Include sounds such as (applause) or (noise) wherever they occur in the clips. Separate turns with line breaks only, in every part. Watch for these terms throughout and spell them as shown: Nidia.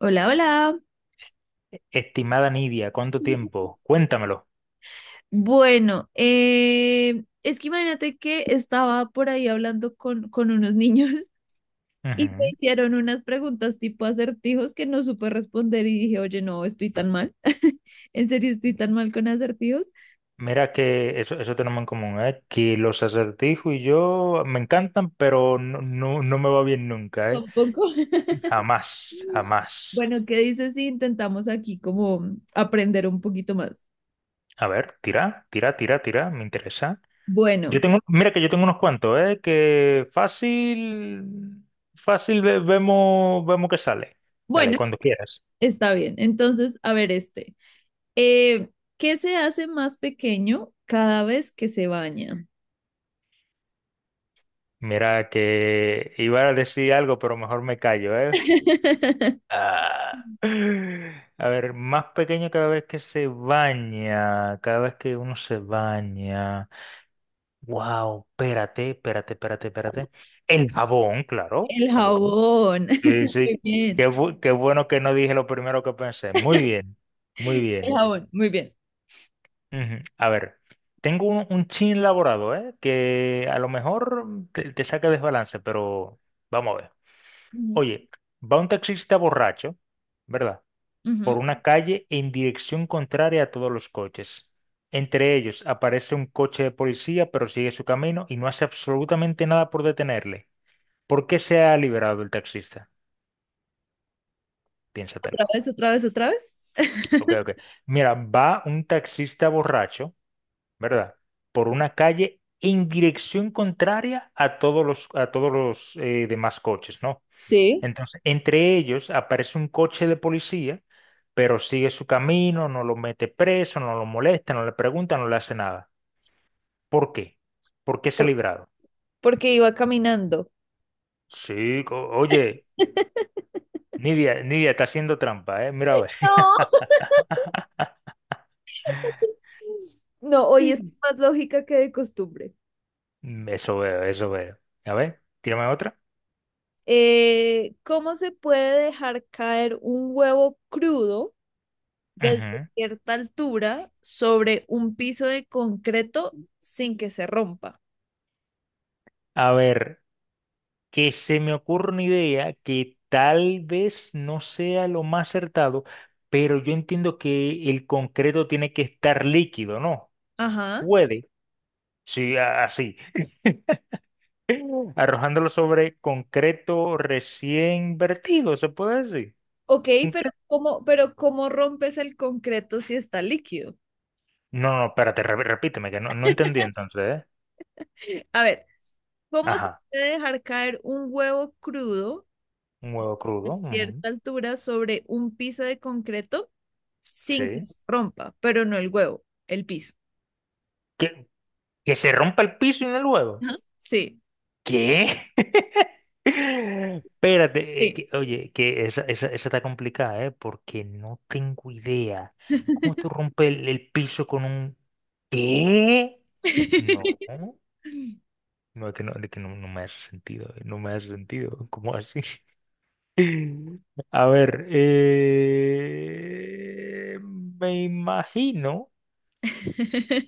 Hola, hola.
Estimada Nidia, ¿cuánto tiempo? Cuéntamelo.
Bueno, es que imagínate que estaba por ahí hablando con unos niños (laughs) y me
Ujú.
hicieron unas preguntas tipo acertijos que no supe responder y dije, oye, no, estoy tan mal. (laughs) En serio, estoy tan mal con acertijos.
Mira que eso tenemos en común, ¿eh? Que los acertijos y yo me encantan, pero no, no, no me va bien nunca, ¿eh?
Tampoco. (laughs)
Jamás, jamás.
Bueno, ¿qué dices si intentamos aquí como aprender un poquito más?
A ver, tira, tira, tira, tira, me interesa. Yo
Bueno,
tengo, mira que yo tengo unos cuantos, ¿eh? Que fácil, fácil vemos, vemos que sale. Dale,
bueno,
cuando quieras.
está bien. Entonces, a ver este. Eh, ¿Qué se hace más pequeño cada vez que se baña?
Mira que iba a decir algo, pero mejor me callo, ¿eh?
(laughs)
Ah. A ver, más pequeño cada vez que se baña, cada vez que uno se baña. Wow, espérate, espérate, espérate, espérate. El jabón, claro,
El
jabón.
jabón.
Sí,
(laughs) Muy
sí.
bien.
Qué bueno que no dije lo primero que pensé. Muy bien, muy
El
bien.
jabón, muy bien.
Ujú. A ver, tengo un chin elaborado, ¿eh? Que a lo mejor te saca desbalance, pero vamos a ver.
Ujú.
Oye, va un taxista borracho, ¿verdad? Por
Ujú.
una calle en dirección contraria a todos los coches. Entre ellos aparece un coche de policía, pero sigue su camino y no hace absolutamente nada por detenerle. ¿Por qué se ha liberado el taxista?
Otra
Piénsatelo.
vez, otra vez, otra vez. (laughs)
Ok, ok. Mira, va un taxista borracho, ¿verdad? Por una calle en dirección contraria a a todos los demás coches, ¿no?
Sí.
Entonces, entre ellos aparece un coche de policía, pero sigue su camino, no lo mete preso, no lo molesta, no le pregunta, no le hace nada. ¿Por qué? ¿Por qué se ha
Por-
librado?
Porque iba caminando.
Sí, oye,
(laughs)
Nidia, Nidia está haciendo trampa, ¿eh? Mira, a ver.
No. No, hoy es
(laughs)
más lógica que de costumbre.
Eso veo, eso veo. A ver, tírame otra.
¿Cómo se puede dejar caer un huevo crudo desde
Ujú.
cierta altura sobre un piso de concreto sin que se rompa?
A ver, que se me ocurre una idea que tal vez no sea lo más acertado, pero yo entiendo que el concreto tiene que estar líquido, ¿no?
Ajá.
Puede. Sí, así. (laughs) Arrojándolo sobre concreto recién vertido, ¿se puede decir?
Ok, pero
Concre-
¿pero cómo rompes el concreto si está líquido?
No, no, espérate, repíteme, que no, no entendí entonces, ¿eh?
A ver, ¿cómo se
Ajá,
puede dejar caer un huevo crudo
un huevo
a
crudo. Ujú.
cierta altura sobre un piso de concreto sin que
Sí.
se rompa? Pero no el huevo, el piso.
¿Que, que se rompa el piso en el huevo?
Ajá. Sí,
¿Qué? (laughs) Espérate,
sí.
oye, que esa, esa está complicada, ¿eh? Porque no tengo idea. ¿Cómo tú rompes el piso con un... ¿Qué? No.
(laughs)
No, que no, de que no, no me hace sentido, no me hace sentido, ¿cómo así? (laughs) A ver, me imagino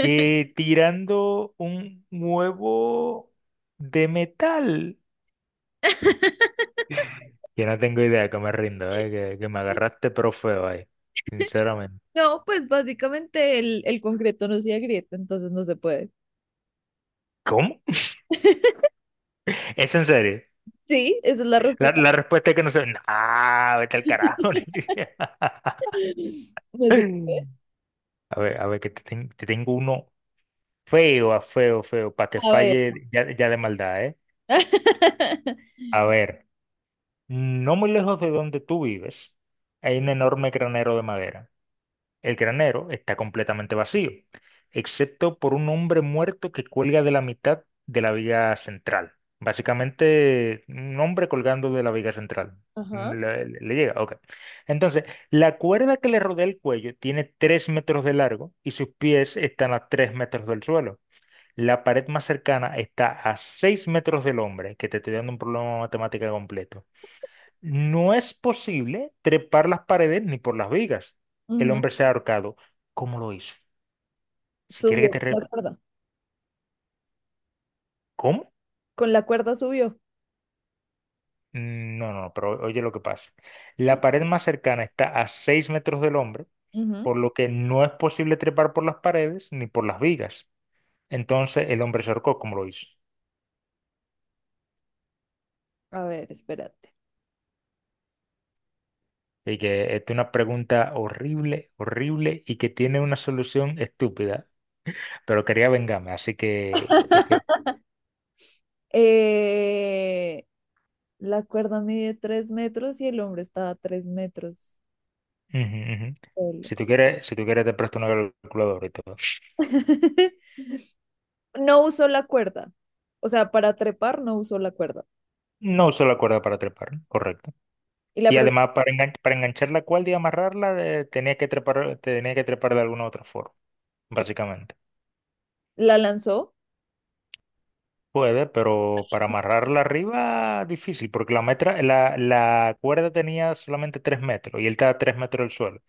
que tirando un huevo de metal, que no tengo idea, que me rindo, que me agarraste pero feo ahí, sinceramente.
No, pues básicamente el concreto no se agrieta, entonces no se puede.
¿Cómo?
(laughs)
(laughs) ¿Es en serio?
Sí, esa es la
La,
respuesta.
la respuesta es que no sé. Ah, vete al carajo.
(laughs)
(laughs)
No se puede.
A ver, te tengo uno. Feo, a feo, feo, para que
A ver.
falle ya, ya de maldad, ¿eh?
(laughs)
A ver, no muy lejos de donde tú vives, hay un enorme granero de madera. El granero está completamente vacío, excepto por un hombre muerto que cuelga de la mitad de la viga central. Básicamente, un hombre colgando de la viga central.
Ajá.
Mm, le llega, ok. Entonces, la cuerda que le rodea el cuello tiene 3 metros de largo y sus pies están a 3 metros del suelo. La pared más cercana está a 6 metros del hombre, que te estoy dando un problema matemático completo. No es posible trepar las paredes ni por las vigas. El
Ujú.
hombre se ha ahorcado. ¿Cómo lo hizo? Si quiere que
Subió
te...
con la cuerda.
¿Cómo?
Con la cuerda subió.
Mm, no, no, no, pero oye lo que pasa. La pared más cercana está a 6 metros del hombre,
Ujú.
por lo que no es posible trepar por las paredes ni por las vigas. Entonces el hombre se ahorcó. ¿Cómo lo hizo?
A ver, espérate.
Y que esta es una pregunta horrible, horrible y que tiene una solución estúpida, pero quería vengarme, así que... jeje.
(laughs) Eh, la cuerda mide 3 metros y el hombre estaba a 3 metros
Ujú, ujú.
solo.
Si tú quieres, si tú quieres te presto una calculadora y todo.
(laughs) No usó la cuerda. O sea, para trepar no usó la cuerda.
No usó la cuerda para trepar, correcto.
¿Y la,
Y
pre-
además para, para enganchar la cuerda y amarrarla tenía que trepar de alguna otra forma, básicamente.
¿La lanzó?
Puede, pero para amarrarla arriba difícil, porque la cuerda tenía solamente 3 metros y él estaba a 3 metros del suelo.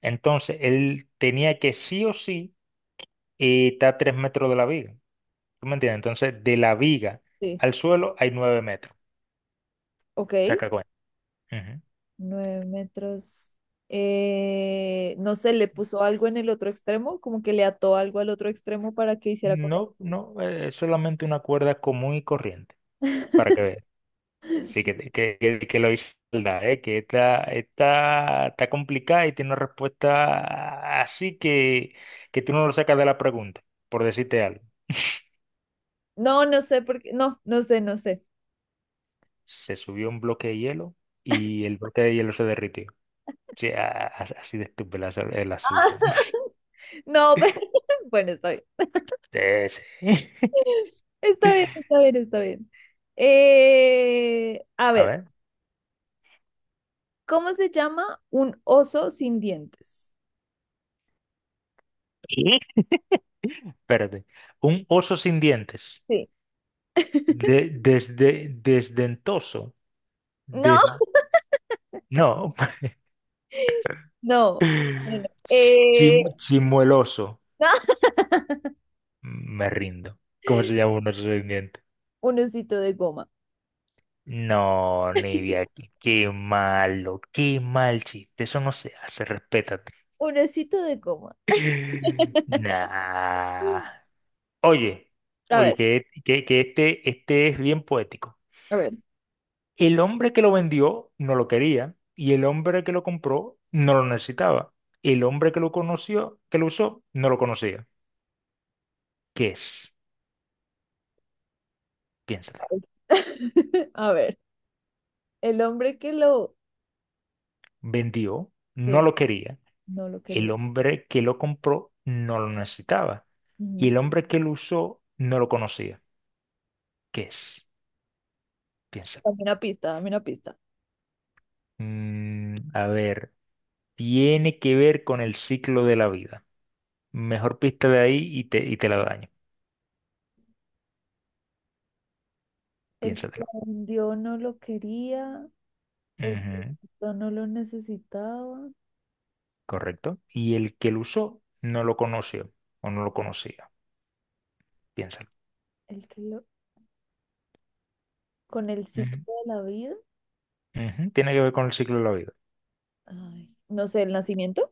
Entonces él tenía que sí o sí estar a tres metros de la viga. ¿Tú me entiendes? Entonces, de la viga
Sí.
al suelo hay 9 metros.
Ok.
Saca cuenta. Ujú.
9 metros. No sé, le puso algo en el otro extremo, como que le ató algo al otro extremo para que hiciera contacto.
No, no, es solamente una cuerda común y corriente, para que veas. Sí, que lo hizo maldad, ¿eh? Que está complicada y tiene una respuesta así que tú no lo sacas de la pregunta, por decirte algo.
No, no sé por qué. No, no sé, no sé.
Se subió un bloque de hielo y el bloque de hielo se derritió. Sí, así de estúpida es es la solución. (laughs)
No, (laughs) pero bueno, está bien.
Sí, sí.
Está bien,
(laughs)
está bien, está bien. A
A
ver,
ver.
¿cómo se llama un oso sin dientes?
Espérate. Un oso sin dientes.
Sí.
Desdentoso.
No,
Des,
(laughs)
no.
no.
(laughs)
Eh,
Chimueloso.
no. (laughs)
Me rindo. ¿Cómo se llama un oso sin dientes?
Un osito de goma.
No, ni de. Qué malo, qué mal chiste. Eso no se hace, respétate.
Un osito de goma.
(laughs) Nah. Oye,
A
oye,
ver,
que este es bien poético.
a ver.
El hombre que lo vendió no lo quería y el hombre que lo compró no lo necesitaba. El hombre que lo conoció, que lo usó, no lo conocía. ¿Qué es?
A
Piénsatelo.
ver, (laughs) a ver, el hombre que lo...
Vendió, no
Sí,
lo quería.
no lo
El
quería.
hombre que lo compró no lo necesitaba. Y el
Ujú.
hombre que lo usó no lo conocía. ¿Qué es? Piénsalo.
Dame una pista, dame una pista.
Mm, a ver, tiene que ver con el ciclo de la vida. Mejor pista de ahí y y te la daño.
El que lo
Piénsatelo.
vendió no lo quería, el que lo
Ujú.
quitó no lo necesitaba,
Correcto. Y el que lo usó no lo conoció o no lo conocía, piénsalo.
el que lo... Con el ciclo
Ujú,
de la vida.
ujú. ¿Tiene que ver con el ciclo de la vida?
Ay, no sé, el nacimiento.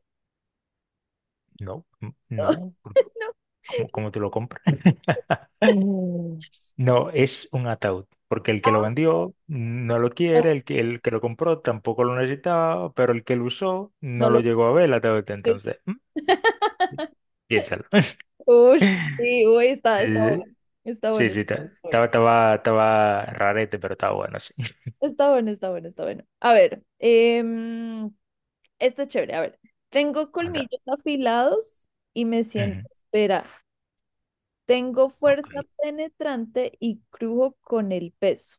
No,
(laughs) No,
no,
no.
¿cómo, cómo te lo compras? (laughs) No, es un ataúd, porque el
Ah,
que lo vendió no lo
no, lo
quiere, el que lo compró tampoco lo necesitaba, pero el que lo usó
no
no lo
lo
llegó a ver el ataúd,
sé.
entonces, mm,
(laughs)
piénsalo. (laughs)
Uy, sí, uy, está, está bueno.
Eh,
Está
sí,
bueno.
sí, estaba rarete, pero estaba bueno, sí. (laughs)
Está bueno, está bueno, está bueno, está bueno. A ver, este es chévere. A ver, tengo
Anda.
colmillos afilados y me siento.
Ujú,
Espera, tengo fuerza
ok.
penetrante y crujo con el peso.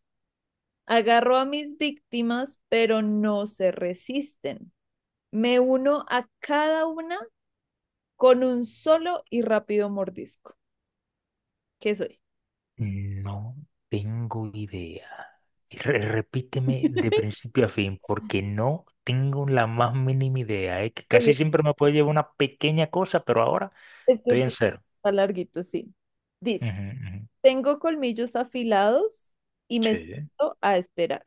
Agarro a mis víctimas, pero no se resisten. Me uno a cada una con un solo y rápido mordisco. ¿Qué soy?
No tengo idea. Repíteme de
(laughs)
principio a fin, porque no tengo la más mínima idea, ¿eh? Que casi
Oye,
siempre me puede llevar una pequeña cosa, pero ahora
este
estoy en cero.
está larguito, sí. Dice,
Ujú, ujú.
tengo colmillos afilados y me
Sí.
siento a esperar.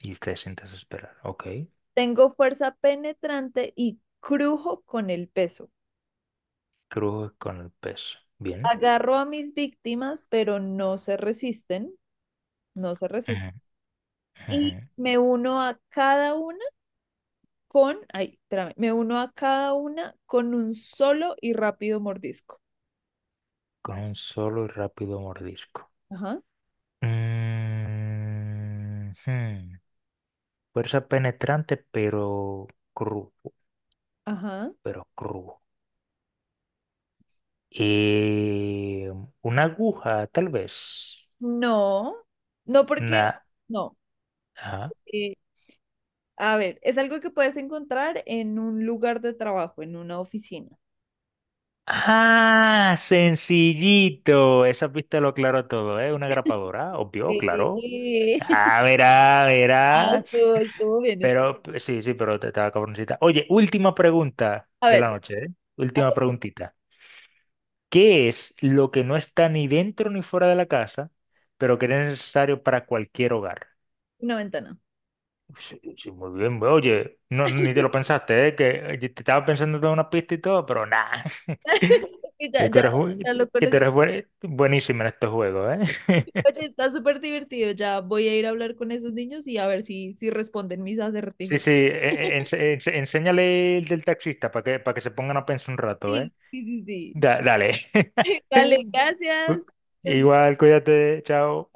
Y te sientas a esperar. Ok.
Tengo fuerza penetrante y crujo con el peso.
Cruz con el peso. Bien.
Agarro a mis víctimas, pero no se resisten, no se resisten.
Ujú, ujú.
Y me uno a cada una con, ay, espérame, me uno a cada una con un solo y rápido mordisco.
Con un solo y rápido mordisco.
Ajá,
Mm, hmm. Fuerza penetrante, pero crudo.
ajá.
Pero crudo. Eh, una aguja, tal vez.
No, no porque,
Una.
no.
Ajá.
Eh, a ver, es algo que puedes encontrar en un lugar de trabajo, en una oficina.
Ah, sencillito. Esa pista lo aclaró todo, ¿eh? Una grapadora, obvio, claro.
Sí. (laughs)
Ah, verá,
Ah,
verá.
estuvo, estuvo bien, estuvo bien.
Sí, sí, pero te estaba cabroncita. Oye, última pregunta
A
de la
ver,
noche, ¿eh?
a
Última
ver,
preguntita. ¿Qué es lo que no está ni dentro ni fuera de la casa, pero que es necesario para cualquier hogar?
una ventana.
Sí, sí, muy bien, güey. Oye, no, ni te lo
(laughs)
pensaste, ¿eh? Que te estaba pensando toda una pista y todo, pero nada. (laughs)
Y ya,
Que
ya, ya lo
que tú
conocí.
eres buenísimo en estos juegos, ¿eh? (laughs)
Oye, está súper divertido. Ya voy a ir a hablar con esos niños y a ver si responden mis
Sí,
acertijos.
sí,
(laughs)
enséñale el del taxista para que se pongan a pensar un rato, ¿eh?
Sí, sí, sí, sí.
Dale.
(laughs) Dale,
(laughs)
gracias. Es bien.
Igual, cuídate, chao.